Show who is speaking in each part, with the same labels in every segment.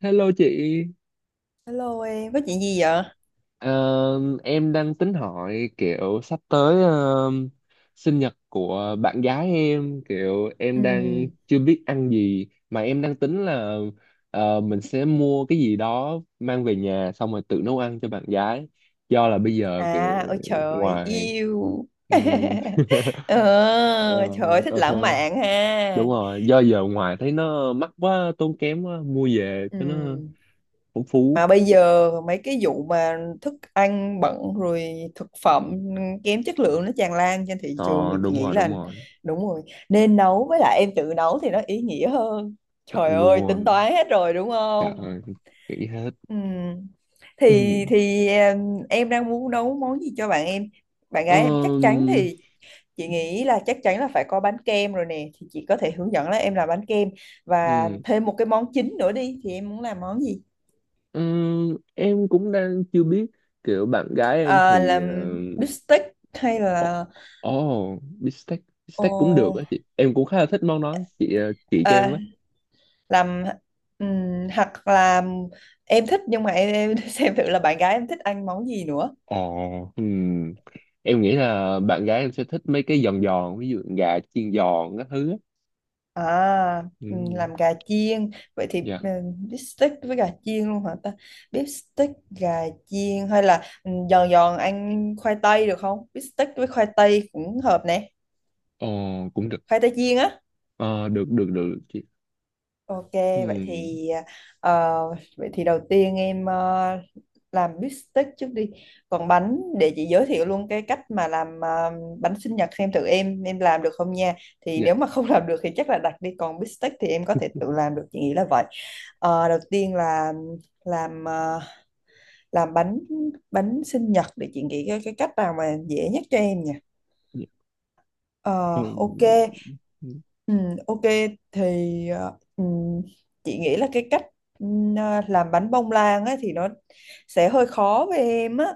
Speaker 1: Hello chị.
Speaker 2: Hello em, có chuyện gì vậy?
Speaker 1: Ờ, em đang tính hỏi kiểu sắp tới sinh nhật của bạn gái em, kiểu
Speaker 2: Ừ.
Speaker 1: em đang chưa biết ăn gì mà em đang tính là mình sẽ mua cái gì đó mang về nhà xong rồi tự nấu ăn cho bạn gái. Do là bây giờ kiểu
Speaker 2: À, ôi trời,
Speaker 1: ngoài
Speaker 2: yêu.
Speaker 1: ừm,
Speaker 2: ờ,
Speaker 1: Ờ,
Speaker 2: Trời ơi, thích
Speaker 1: ờ,
Speaker 2: lãng
Speaker 1: ờ.
Speaker 2: mạn ha.
Speaker 1: Đúng rồi, do giờ ngoài thấy nó mắc quá, tốn kém quá, mua về cho nó
Speaker 2: Ừ.
Speaker 1: phong phú.
Speaker 2: Mà bây giờ mấy cái vụ mà thức ăn bẩn rồi thực phẩm kém chất lượng nó tràn lan trên thị trường
Speaker 1: ờ
Speaker 2: thì chị
Speaker 1: Đúng
Speaker 2: nghĩ
Speaker 1: rồi đúng
Speaker 2: là
Speaker 1: rồi,
Speaker 2: đúng rồi. Nên nấu với lại em tự nấu thì nó ý nghĩa hơn.
Speaker 1: chọn
Speaker 2: Trời ơi, tính
Speaker 1: luôn,
Speaker 2: toán hết rồi đúng
Speaker 1: trời
Speaker 2: không?
Speaker 1: ơi, nghĩ hết.
Speaker 2: Ừ. Thì thì em đang muốn nấu món gì cho bạn em. Bạn gái em chắc chắn
Speaker 1: Ờm,
Speaker 2: thì chị nghĩ là chắc chắn là phải có bánh kem rồi nè, thì chị có thể hướng dẫn là em làm bánh kem và
Speaker 1: ừm,
Speaker 2: thêm một cái món chính nữa đi thì em muốn làm món gì?
Speaker 1: em cũng đang chưa biết, kiểu bạn gái em
Speaker 2: Ờ,
Speaker 1: thì
Speaker 2: làm bít tết hay
Speaker 1: uh,
Speaker 2: là
Speaker 1: oh, bistec.
Speaker 2: ồ,
Speaker 1: Bistec cũng được á chị, em cũng khá là thích món đó chị, chị cho em với.
Speaker 2: à, làm hoặc là em thích, nhưng mà em xem thử là bạn gái em thích ăn món gì nữa.
Speaker 1: Ồ, ừm, em nghĩ là bạn gái em sẽ thích mấy cái giòn giòn, ví dụ gà chiên giòn các thứ á.
Speaker 2: À, ừ,
Speaker 1: Ừm,
Speaker 2: làm gà chiên. Vậy thì
Speaker 1: dạ.
Speaker 2: ừ, beef steak với gà chiên luôn hả ta? Beef steak, gà chiên hay là ừ, giòn giòn ăn khoai tây được không? Beef steak với khoai tây cũng hợp nè.
Speaker 1: Ồ, cũng được.
Speaker 2: Khoai tây chiên á.
Speaker 1: Ờ, được được được chị.
Speaker 2: Ok, vậy
Speaker 1: Ừm,
Speaker 2: thì ờ, vậy thì đầu tiên em làm beef steak trước đi. Còn bánh để chị giới thiệu luôn cái cách mà làm bánh sinh nhật xem thử em làm được không nha. Thì
Speaker 1: dạ
Speaker 2: nếu mà không làm được thì chắc là đặt đi. Còn beef steak thì em có thể tự làm được, chị nghĩ là vậy. Ờ, đầu tiên là làm làm bánh bánh sinh nhật, để chị nghĩ cái cách nào mà dễ nhất cho em nhỉ.
Speaker 1: dạ
Speaker 2: Ờ, ok.
Speaker 1: em
Speaker 2: Ừ, ok thì chị nghĩ là cái cách ừ, làm bánh bông lan ấy thì nó sẽ hơi khó với em á.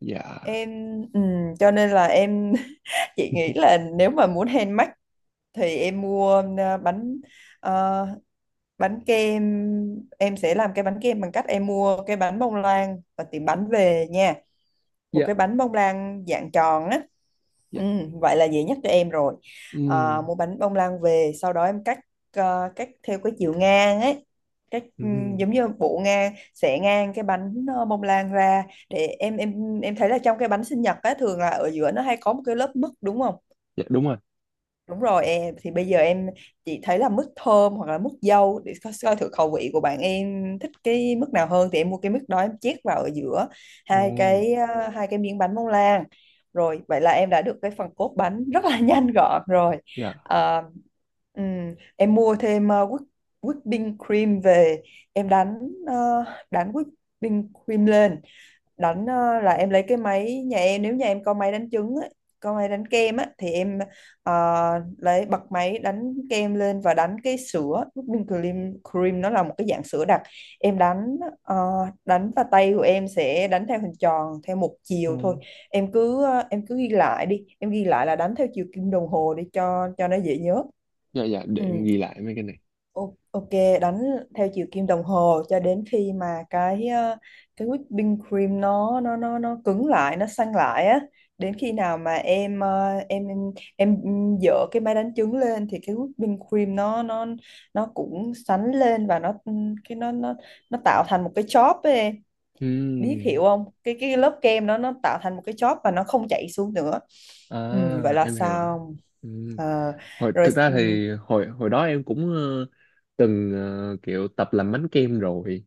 Speaker 1: dạ
Speaker 2: Em ừ, cho nên là em chị nghĩ là nếu mà muốn handmade thì em mua bánh ờ, bánh kem. Em sẽ làm cái bánh kem bằng cách em mua cái bánh bông lan và tiệm bánh về nha, một
Speaker 1: dạ
Speaker 2: cái bánh bông lan dạng tròn á,
Speaker 1: dạ
Speaker 2: ừ, vậy là dễ nhất cho em rồi. À,
Speaker 1: ừ
Speaker 2: mua bánh bông lan về sau đó em cắt cắt theo cái chiều ngang ấy, cắt ừ,
Speaker 1: ừ
Speaker 2: giống như bộ ngang, xẻ ngang cái bánh bông lan ra. Để em thấy là trong cái bánh sinh nhật á thường là ở giữa nó hay có một cái lớp mứt đúng không?
Speaker 1: dạ đúng rồi
Speaker 2: Đúng rồi, em thì bây giờ em chỉ thấy là mức thơm hoặc là mức dâu để coi thử khẩu vị của bạn em thích cái mức nào hơn thì em mua cái mức đó em chét vào ở giữa hai
Speaker 1: ồ
Speaker 2: cái hai cái miếng bánh bông lan. Rồi vậy là em đã được cái phần cốt bánh rất là nhanh gọn rồi.
Speaker 1: dạ
Speaker 2: Ờ, em mua thêm whipping cream về. Em đánh ờ, đánh whipping cream lên, đánh là em lấy cái máy nhà em, nếu nhà em có máy đánh trứng á, có máy đánh kem á thì em ờ, lấy bật máy đánh kem lên và đánh cái sữa whipping cream. Cream nó là một cái dạng sữa đặc, em đánh đánh và tay của em sẽ đánh theo hình tròn theo một
Speaker 1: ừ.
Speaker 2: chiều thôi. Em cứ em cứ ghi lại đi, em ghi lại là đánh theo chiều kim đồng hồ để cho nó dễ nhớ.
Speaker 1: Dạ dạ, để em
Speaker 2: Ừ.
Speaker 1: ghi lại mấy cái này.
Speaker 2: Ok, đánh theo chiều kim đồng hồ cho đến khi mà cái cái whipping cream nó cứng lại, nó săn lại á. Đến khi nào mà em em dỡ cái máy đánh trứng lên thì cái whipping cream nó nó cũng sánh lên và nó cái nó nó tạo thành một cái chóp ấy em. Biết
Speaker 1: Ừ.
Speaker 2: hiểu không? Cái lớp kem nó tạo thành một cái chóp và nó không chảy xuống nữa.
Speaker 1: À,
Speaker 2: Ừ, vậy là
Speaker 1: em hiểu rồi.
Speaker 2: sao?
Speaker 1: Ừ.
Speaker 2: Ờ,
Speaker 1: Hồi
Speaker 2: rồi
Speaker 1: thực ra
Speaker 2: ừ,
Speaker 1: thì hồi hồi đó em cũng từng kiểu tập làm bánh kem rồi,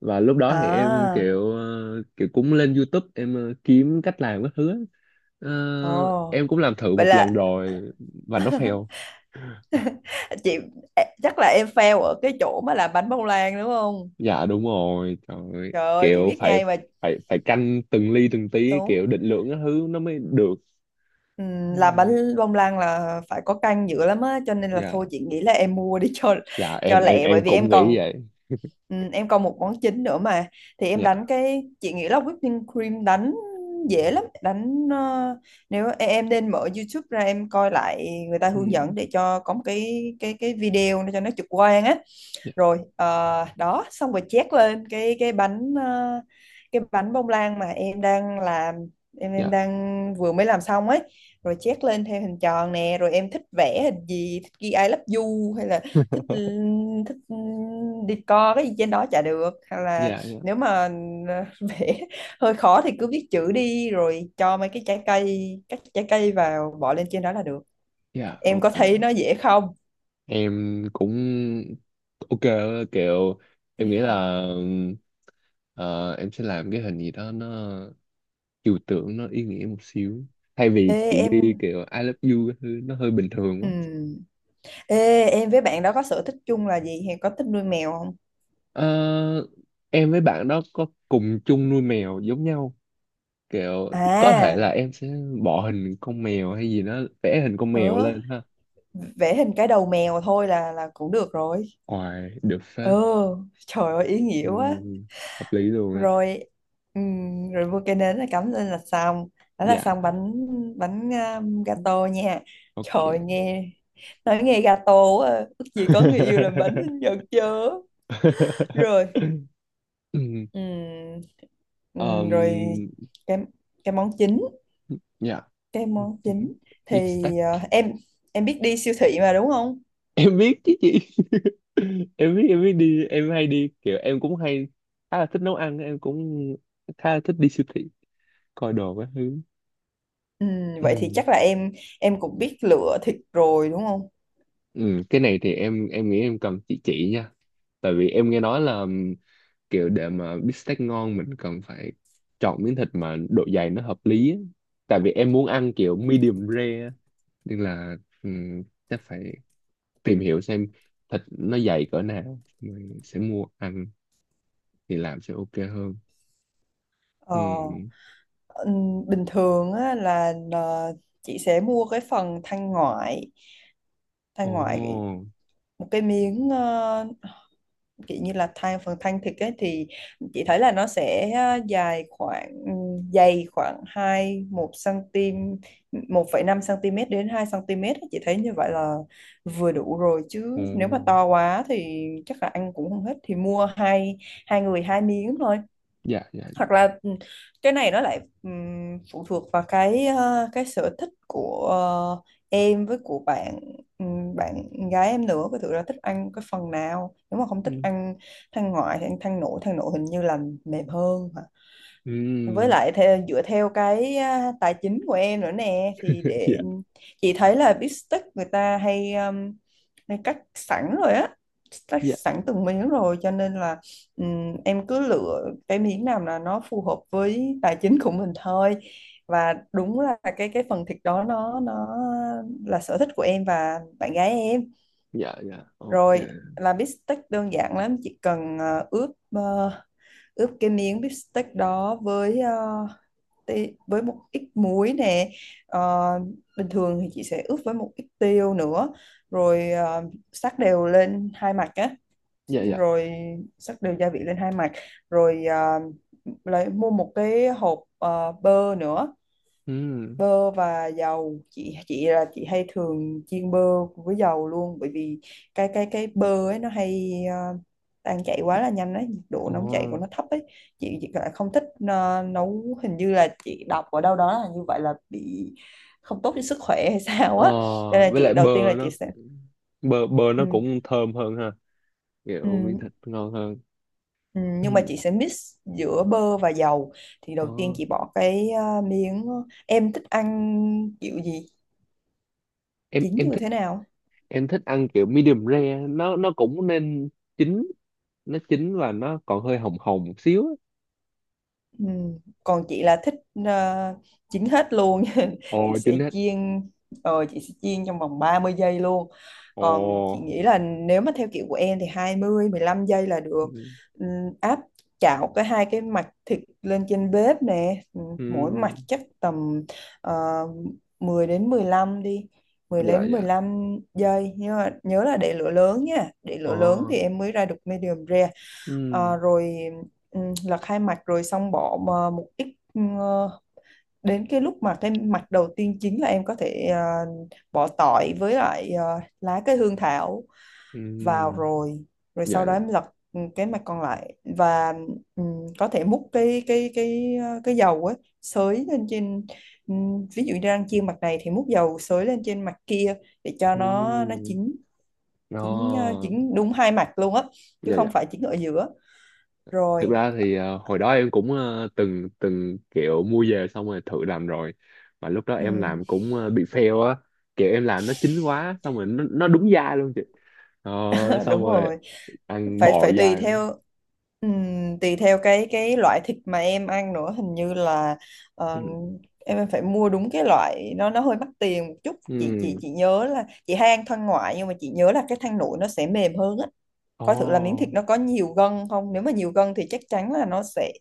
Speaker 1: và lúc đó thì em
Speaker 2: à,
Speaker 1: kiểu kiểu cũng lên YouTube, em kiếm cách làm các thứ á. Ờ,
Speaker 2: ồ.
Speaker 1: em cũng làm thử
Speaker 2: Vậy
Speaker 1: một lần
Speaker 2: là
Speaker 1: rồi và nó fail.
Speaker 2: à, chị à, chắc là em fail ở cái chỗ mà làm bánh bông lan đúng không?
Speaker 1: Dạ đúng rồi, trời ơi.
Speaker 2: Trời ơi chị
Speaker 1: Kiểu
Speaker 2: biết
Speaker 1: phải
Speaker 2: ngay mà.
Speaker 1: phải phải canh từng ly từng tí,
Speaker 2: Đúng.
Speaker 1: kiểu định lượng cái thứ nó mới được.
Speaker 2: Làm
Speaker 1: Ừ,
Speaker 2: bánh bông lan là phải có canh dữ lắm á cho nên là
Speaker 1: dạ
Speaker 2: thôi chị nghĩ là em mua đi
Speaker 1: dạ
Speaker 2: cho
Speaker 1: em em
Speaker 2: lẹ, bởi
Speaker 1: em
Speaker 2: vì
Speaker 1: cũng nghĩ vậy.
Speaker 2: em còn một món chính nữa mà. Thì em đánh
Speaker 1: Dạ.
Speaker 2: cái, chị nghĩ là whipping cream đánh dễ lắm, đánh nếu em nên mở YouTube ra, em coi lại người ta
Speaker 1: Ừ,
Speaker 2: hướng dẫn để cho có một cái video để cho nó trực quan á.
Speaker 1: dạ
Speaker 2: Rồi đó xong rồi chét lên cái bánh cái bánh bông lan mà em đang làm, em
Speaker 1: dạ
Speaker 2: đang vừa mới làm xong ấy. Rồi chét lên theo hình tròn nè, rồi em thích vẽ hình gì, thích ghi I love you hay là thích thích decor cái gì trên đó chả được, hay là
Speaker 1: dạ dạ.
Speaker 2: nếu mà vẽ hơi khó thì cứ viết chữ đi rồi cho mấy cái trái cây, các trái cây vào bỏ lên trên đó là được.
Speaker 1: Dạ,
Speaker 2: Em
Speaker 1: ok.
Speaker 2: có thấy nó dễ không?
Speaker 1: Em cũng ok, kiểu em nghĩ là ờ, em sẽ làm cái hình gì đó nó chiều tượng, nó ý nghĩa một xíu, thay vì
Speaker 2: Ê,
Speaker 1: chỉ ghi
Speaker 2: em
Speaker 1: kiểu I love you, cái thứ nó hơi bình thường
Speaker 2: ừ,
Speaker 1: quá.
Speaker 2: ê, em với bạn đó có sở thích chung là gì? Hay có thích nuôi mèo không?
Speaker 1: Ờ, em với bạn đó có cùng chung nuôi mèo giống nhau, kiểu có thể là
Speaker 2: À,
Speaker 1: em sẽ bỏ hình con mèo hay gì đó, vẽ hình con
Speaker 2: ừ,
Speaker 1: mèo lên ha.
Speaker 2: vẽ hình cái đầu mèo thôi là cũng được rồi.
Speaker 1: Ôi, được
Speaker 2: Ừ,
Speaker 1: phết.
Speaker 2: trời ơi ý nghĩa quá.
Speaker 1: Ừm, hợp lý luôn á.
Speaker 2: Rồi, rồi mua cái nến là cắm lên là xong. Đó là
Speaker 1: Dạ
Speaker 2: xong bánh bánh gato nha. Trời
Speaker 1: ok.
Speaker 2: nghe nói nghe gato quá. À. Ước gì có người yêu làm bánh sinh nhật chớ. Rồi,
Speaker 1: Ừm,
Speaker 2: ừm,
Speaker 1: ờm,
Speaker 2: rồi cái cái món chính.
Speaker 1: dạ
Speaker 2: Cái món chính
Speaker 1: beef
Speaker 2: thì
Speaker 1: steak.
Speaker 2: ờ, em em biết đi siêu thị mà đúng không?
Speaker 1: Em biết chứ chị. Em biết, em biết đi, em hay đi, kiểu em cũng hay khá là thích nấu ăn, em cũng khá là thích đi siêu thị coi đồ các thứ.
Speaker 2: Ừ, vậy thì
Speaker 1: Ừ.
Speaker 2: chắc là em cũng biết lựa thịt rồi đúng không?
Speaker 1: Ừ, cái này thì em nghĩ em cần chị chỉ nha, tại vì em nghe nói là kiểu để mà bít tết ngon mình cần phải chọn miếng thịt mà độ dày nó hợp lý á, tại vì em muốn ăn kiểu medium rare á, nên là um, chắc phải tìm hiểu xem thịt nó dày cỡ nào rồi sẽ mua ăn thì làm sẽ ok hơn.
Speaker 2: Ờ,
Speaker 1: Ừ.
Speaker 2: bình thường á, là chị sẽ mua cái phần thanh ngoại.
Speaker 1: Ồ,
Speaker 2: Thanh ngoại một cái miếng kiểu như là thanh phần thanh thịt ấy, thì chị thấy là nó sẽ dài khoảng ừ, dày khoảng 2 1 cm, 1,5 cm đến 2 cm ấy. Chị thấy như vậy là vừa đủ rồi,
Speaker 1: ồ,
Speaker 2: chứ nếu mà to quá thì chắc là ăn cũng không hết thì mua hai, hai người hai miếng thôi.
Speaker 1: dạ, dạ,
Speaker 2: Hoặc là ừ, cái này nó lại phụ thuộc vào cái cái sở thích của em với của bạn bạn gái em nữa, cái thử là thích ăn cái phần nào, nếu mà không
Speaker 1: ừ,
Speaker 2: thích ăn than ngoại thì ăn than nội. Than nội hình như là mềm hơn hả? Với
Speaker 1: ừ,
Speaker 2: lại theo, dựa theo cái à, tài chính của em nữa nè, thì
Speaker 1: dạ,
Speaker 2: để chị thấy là bít tết người ta hay, hay cắt sẵn rồi á, cắt
Speaker 1: dạ,
Speaker 2: sẵn từng miếng rồi cho nên là em cứ lựa cái miếng nào là nó phù hợp với tài chính của mình thôi, và đúng là cái phần thịt đó nó là sở thích của em và bạn gái em.
Speaker 1: dạ, dạ, ok,
Speaker 2: Rồi, là bít tết đơn giản lắm, chỉ cần ướp ờ, ướp cái miếng bít tết đó với với một ít muối nè. Ờ, bình thường thì chị sẽ ướp với một ít tiêu nữa, rồi sắc đều lên hai mặt á,
Speaker 1: dạ, dạ.
Speaker 2: rồi sắc đều gia vị lên hai mặt, rồi lấy mua một cái hộp bơ nữa.
Speaker 1: Ừ.
Speaker 2: Bơ và dầu, chị là chị hay thường chiên bơ với dầu luôn, bởi vì cái bơ ấy nó hay tan chảy quá là nhanh ấy, nhiệt độ
Speaker 1: Ồ.
Speaker 2: nóng chảy của nó thấp ấy. Chị lại không thích nấu, hình như là chị đọc ở đâu đó là như vậy là bị không tốt cho sức khỏe hay sao
Speaker 1: Ờ,
Speaker 2: á, cho nên là
Speaker 1: với
Speaker 2: chị
Speaker 1: lại
Speaker 2: đầu tiên
Speaker 1: bơ
Speaker 2: là chị
Speaker 1: nó
Speaker 2: sẽ
Speaker 1: cũng- bơ bơ nó
Speaker 2: ừ,
Speaker 1: cũng thơm hơn ha.
Speaker 2: ừ,
Speaker 1: Kiểu miếng thịt ngon hơn.
Speaker 2: ừ, nhưng mà
Speaker 1: Ừ.
Speaker 2: chị sẽ mix giữa bơ và dầu. Thì
Speaker 1: Ờ.
Speaker 2: đầu tiên chị bỏ cái miếng, em thích ăn kiểu gì,
Speaker 1: Em
Speaker 2: chín
Speaker 1: em
Speaker 2: như
Speaker 1: thích
Speaker 2: thế nào?
Speaker 1: em thích ăn kiểu medium rare, nó cũng nên chín, nó chín và nó còn hơi hồng hồng một xíu á.
Speaker 2: Ừ. Còn chị là thích ờ, chín hết luôn chị
Speaker 1: Ồ
Speaker 2: sẽ
Speaker 1: chín hết.
Speaker 2: chiên chị sẽ chiên trong vòng 30 giây luôn. Còn chị
Speaker 1: Ồ.
Speaker 2: nghĩ là nếu mà theo kiểu của em thì 20 15 giây là
Speaker 1: Ừ.
Speaker 2: được. Ừm, áp chảo cái hai cái mặt thịt lên trên bếp nè. Mỗi mặt
Speaker 1: Ừ.
Speaker 2: chắc tầm uh, 10 đến 15 đi, mười
Speaker 1: Dạ
Speaker 2: đến mười
Speaker 1: dạ.
Speaker 2: lăm giây nhưng mà nhớ là để lửa lớn nha, để lửa lớn
Speaker 1: Ồ.
Speaker 2: thì em mới ra được medium rare.
Speaker 1: Ừ.
Speaker 2: Ờ, rồi là khai mạc rồi xong bỏ mà một ít đến cái lúc mà cái mặt đầu tiên chính là em có thể bỏ tỏi với lại lá cây hương thảo
Speaker 1: Ừ.
Speaker 2: vào. Rồi, rồi sau
Speaker 1: Dạ
Speaker 2: đó
Speaker 1: dạ.
Speaker 2: em lật cái mặt còn lại và có thể múc cái cái dầu ấy xới lên trên, ví dụ như đang chiên mặt này thì múc dầu xới lên trên mặt kia để cho nó
Speaker 1: Ừ.
Speaker 2: chín, chín
Speaker 1: Ồ.
Speaker 2: chín đúng hai mặt luôn á, chứ
Speaker 1: Dạ dạ.
Speaker 2: không phải chín ở giữa.
Speaker 1: Thực
Speaker 2: Rồi.
Speaker 1: ra thì hồi đó em cũng từng từng kiểu mua về xong rồi thử làm rồi, mà lúc đó em
Speaker 2: Ừ.
Speaker 1: làm cũng bị fail á, kiểu em làm nó chín quá xong rồi nó đúng dai luôn chị. ờ,
Speaker 2: Ờ,
Speaker 1: xong
Speaker 2: đúng
Speaker 1: rồi
Speaker 2: rồi,
Speaker 1: ăn
Speaker 2: phải
Speaker 1: bò
Speaker 2: phải
Speaker 1: dai.
Speaker 2: tùy theo cái loại thịt mà em ăn nữa, hình như là ờ,
Speaker 1: Ừ.
Speaker 2: em phải mua đúng cái loại, nó hơi mắc tiền một chút. chị chị
Speaker 1: Ừ.
Speaker 2: chị nhớ là chị hay ăn thân ngoại, nhưng mà chị nhớ là cái thăn nội nó sẽ mềm hơn á. Coi thử là miếng
Speaker 1: Ồ,
Speaker 2: thịt nó có nhiều gân không, nếu mà nhiều gân thì chắc chắn là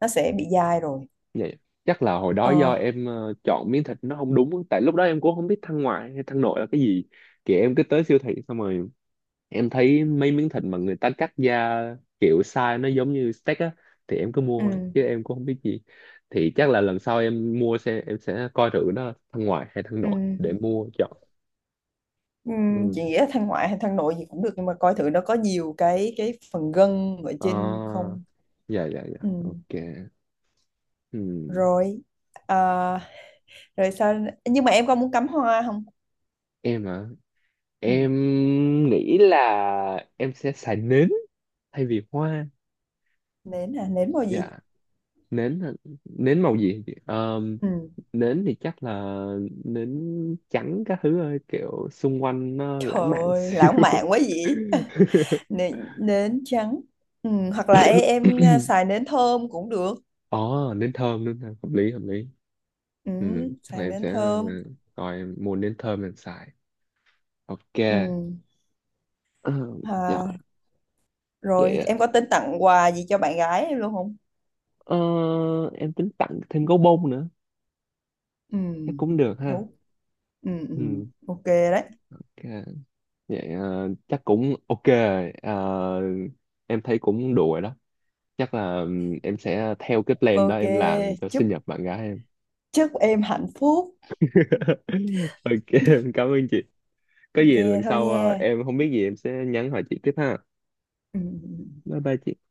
Speaker 2: nó sẽ bị dai rồi.
Speaker 1: vậy chắc là hồi đó do
Speaker 2: Ờ,
Speaker 1: em chọn miếng thịt nó không đúng á, tại lúc đó em cũng không biết thăn ngoại hay thăn nội là cái gì, kiểu em cứ tới siêu thị xong rồi em thấy mấy miếng thịt mà người ta cắt ra, kiểu size nó giống như steak á, thì em cứ mua thôi
Speaker 2: ừm,
Speaker 1: chứ em cũng không biết gì. Thì chắc là lần sau em mua sẽ em sẽ coi thử nó thân ngoại hay thân nội
Speaker 2: ừm,
Speaker 1: để mua chọn. Ừ.
Speaker 2: chị nghĩ là thăn ngoại hay thăn nội gì cũng được, nhưng mà coi thử nó có nhiều cái phần gân ở trên
Speaker 1: À,
Speaker 2: không.
Speaker 1: dạ dạ dạ
Speaker 2: Ừ.
Speaker 1: ok. Ừ.
Speaker 2: Rồi ờ, rồi sao, nhưng mà em có muốn cắm hoa không?
Speaker 1: Em hả?
Speaker 2: Ừ.
Speaker 1: Em nghĩ là em sẽ xài nến thay vì hoa.
Speaker 2: Nến à, nến màu gì?
Speaker 1: Dạ nến hả? Nến màu gì? Ờ,
Speaker 2: Ừ.
Speaker 1: nến thì chắc là nến trắng các thứ, ơi kiểu xung quanh nó
Speaker 2: Trời
Speaker 1: lãng mạn
Speaker 2: ơi
Speaker 1: xíu.
Speaker 2: lãng mạn quá vậy. Nến, nến trắng. Ừ. Hoặc là em à, xài nến thơm cũng được.
Speaker 1: Ồ, nến thơm đúng không? Hợp lý, hợp lý.
Speaker 2: Ừ.
Speaker 1: Ừ, chắc là
Speaker 2: Xài
Speaker 1: em
Speaker 2: nến
Speaker 1: sẽ
Speaker 2: thơm.
Speaker 1: coi em mua nến thơm em xài. Ok.
Speaker 2: Ừ.
Speaker 1: Ờ, dạ,
Speaker 2: À,
Speaker 1: vậy
Speaker 2: rồi
Speaker 1: ạ.
Speaker 2: em có tính tặng quà gì cho bạn gái em luôn không?
Speaker 1: Ờ, em tính tặng thêm gấu bông nữa.
Speaker 2: Ừ.
Speaker 1: Chắc cũng được ha.
Speaker 2: Đúng. Ừ. Ừ.
Speaker 1: Ừ,
Speaker 2: Ok đấy.
Speaker 1: ok. Vậy chắc cũng ok. Ờ, em thấy cũng đủ rồi đó. Chắc là em sẽ theo cái plan đó
Speaker 2: Ok,
Speaker 1: em làm cho
Speaker 2: chúc
Speaker 1: sinh nhật bạn gái em.
Speaker 2: chúc em hạnh phúc.
Speaker 1: Ok em cảm ơn chị, có
Speaker 2: Ok,
Speaker 1: gì lần
Speaker 2: thôi
Speaker 1: sau
Speaker 2: nha.
Speaker 1: em không biết gì em sẽ nhắn hỏi chị tiếp ha.
Speaker 2: Ừ. Ừ, ừ.
Speaker 1: Bye bye chị.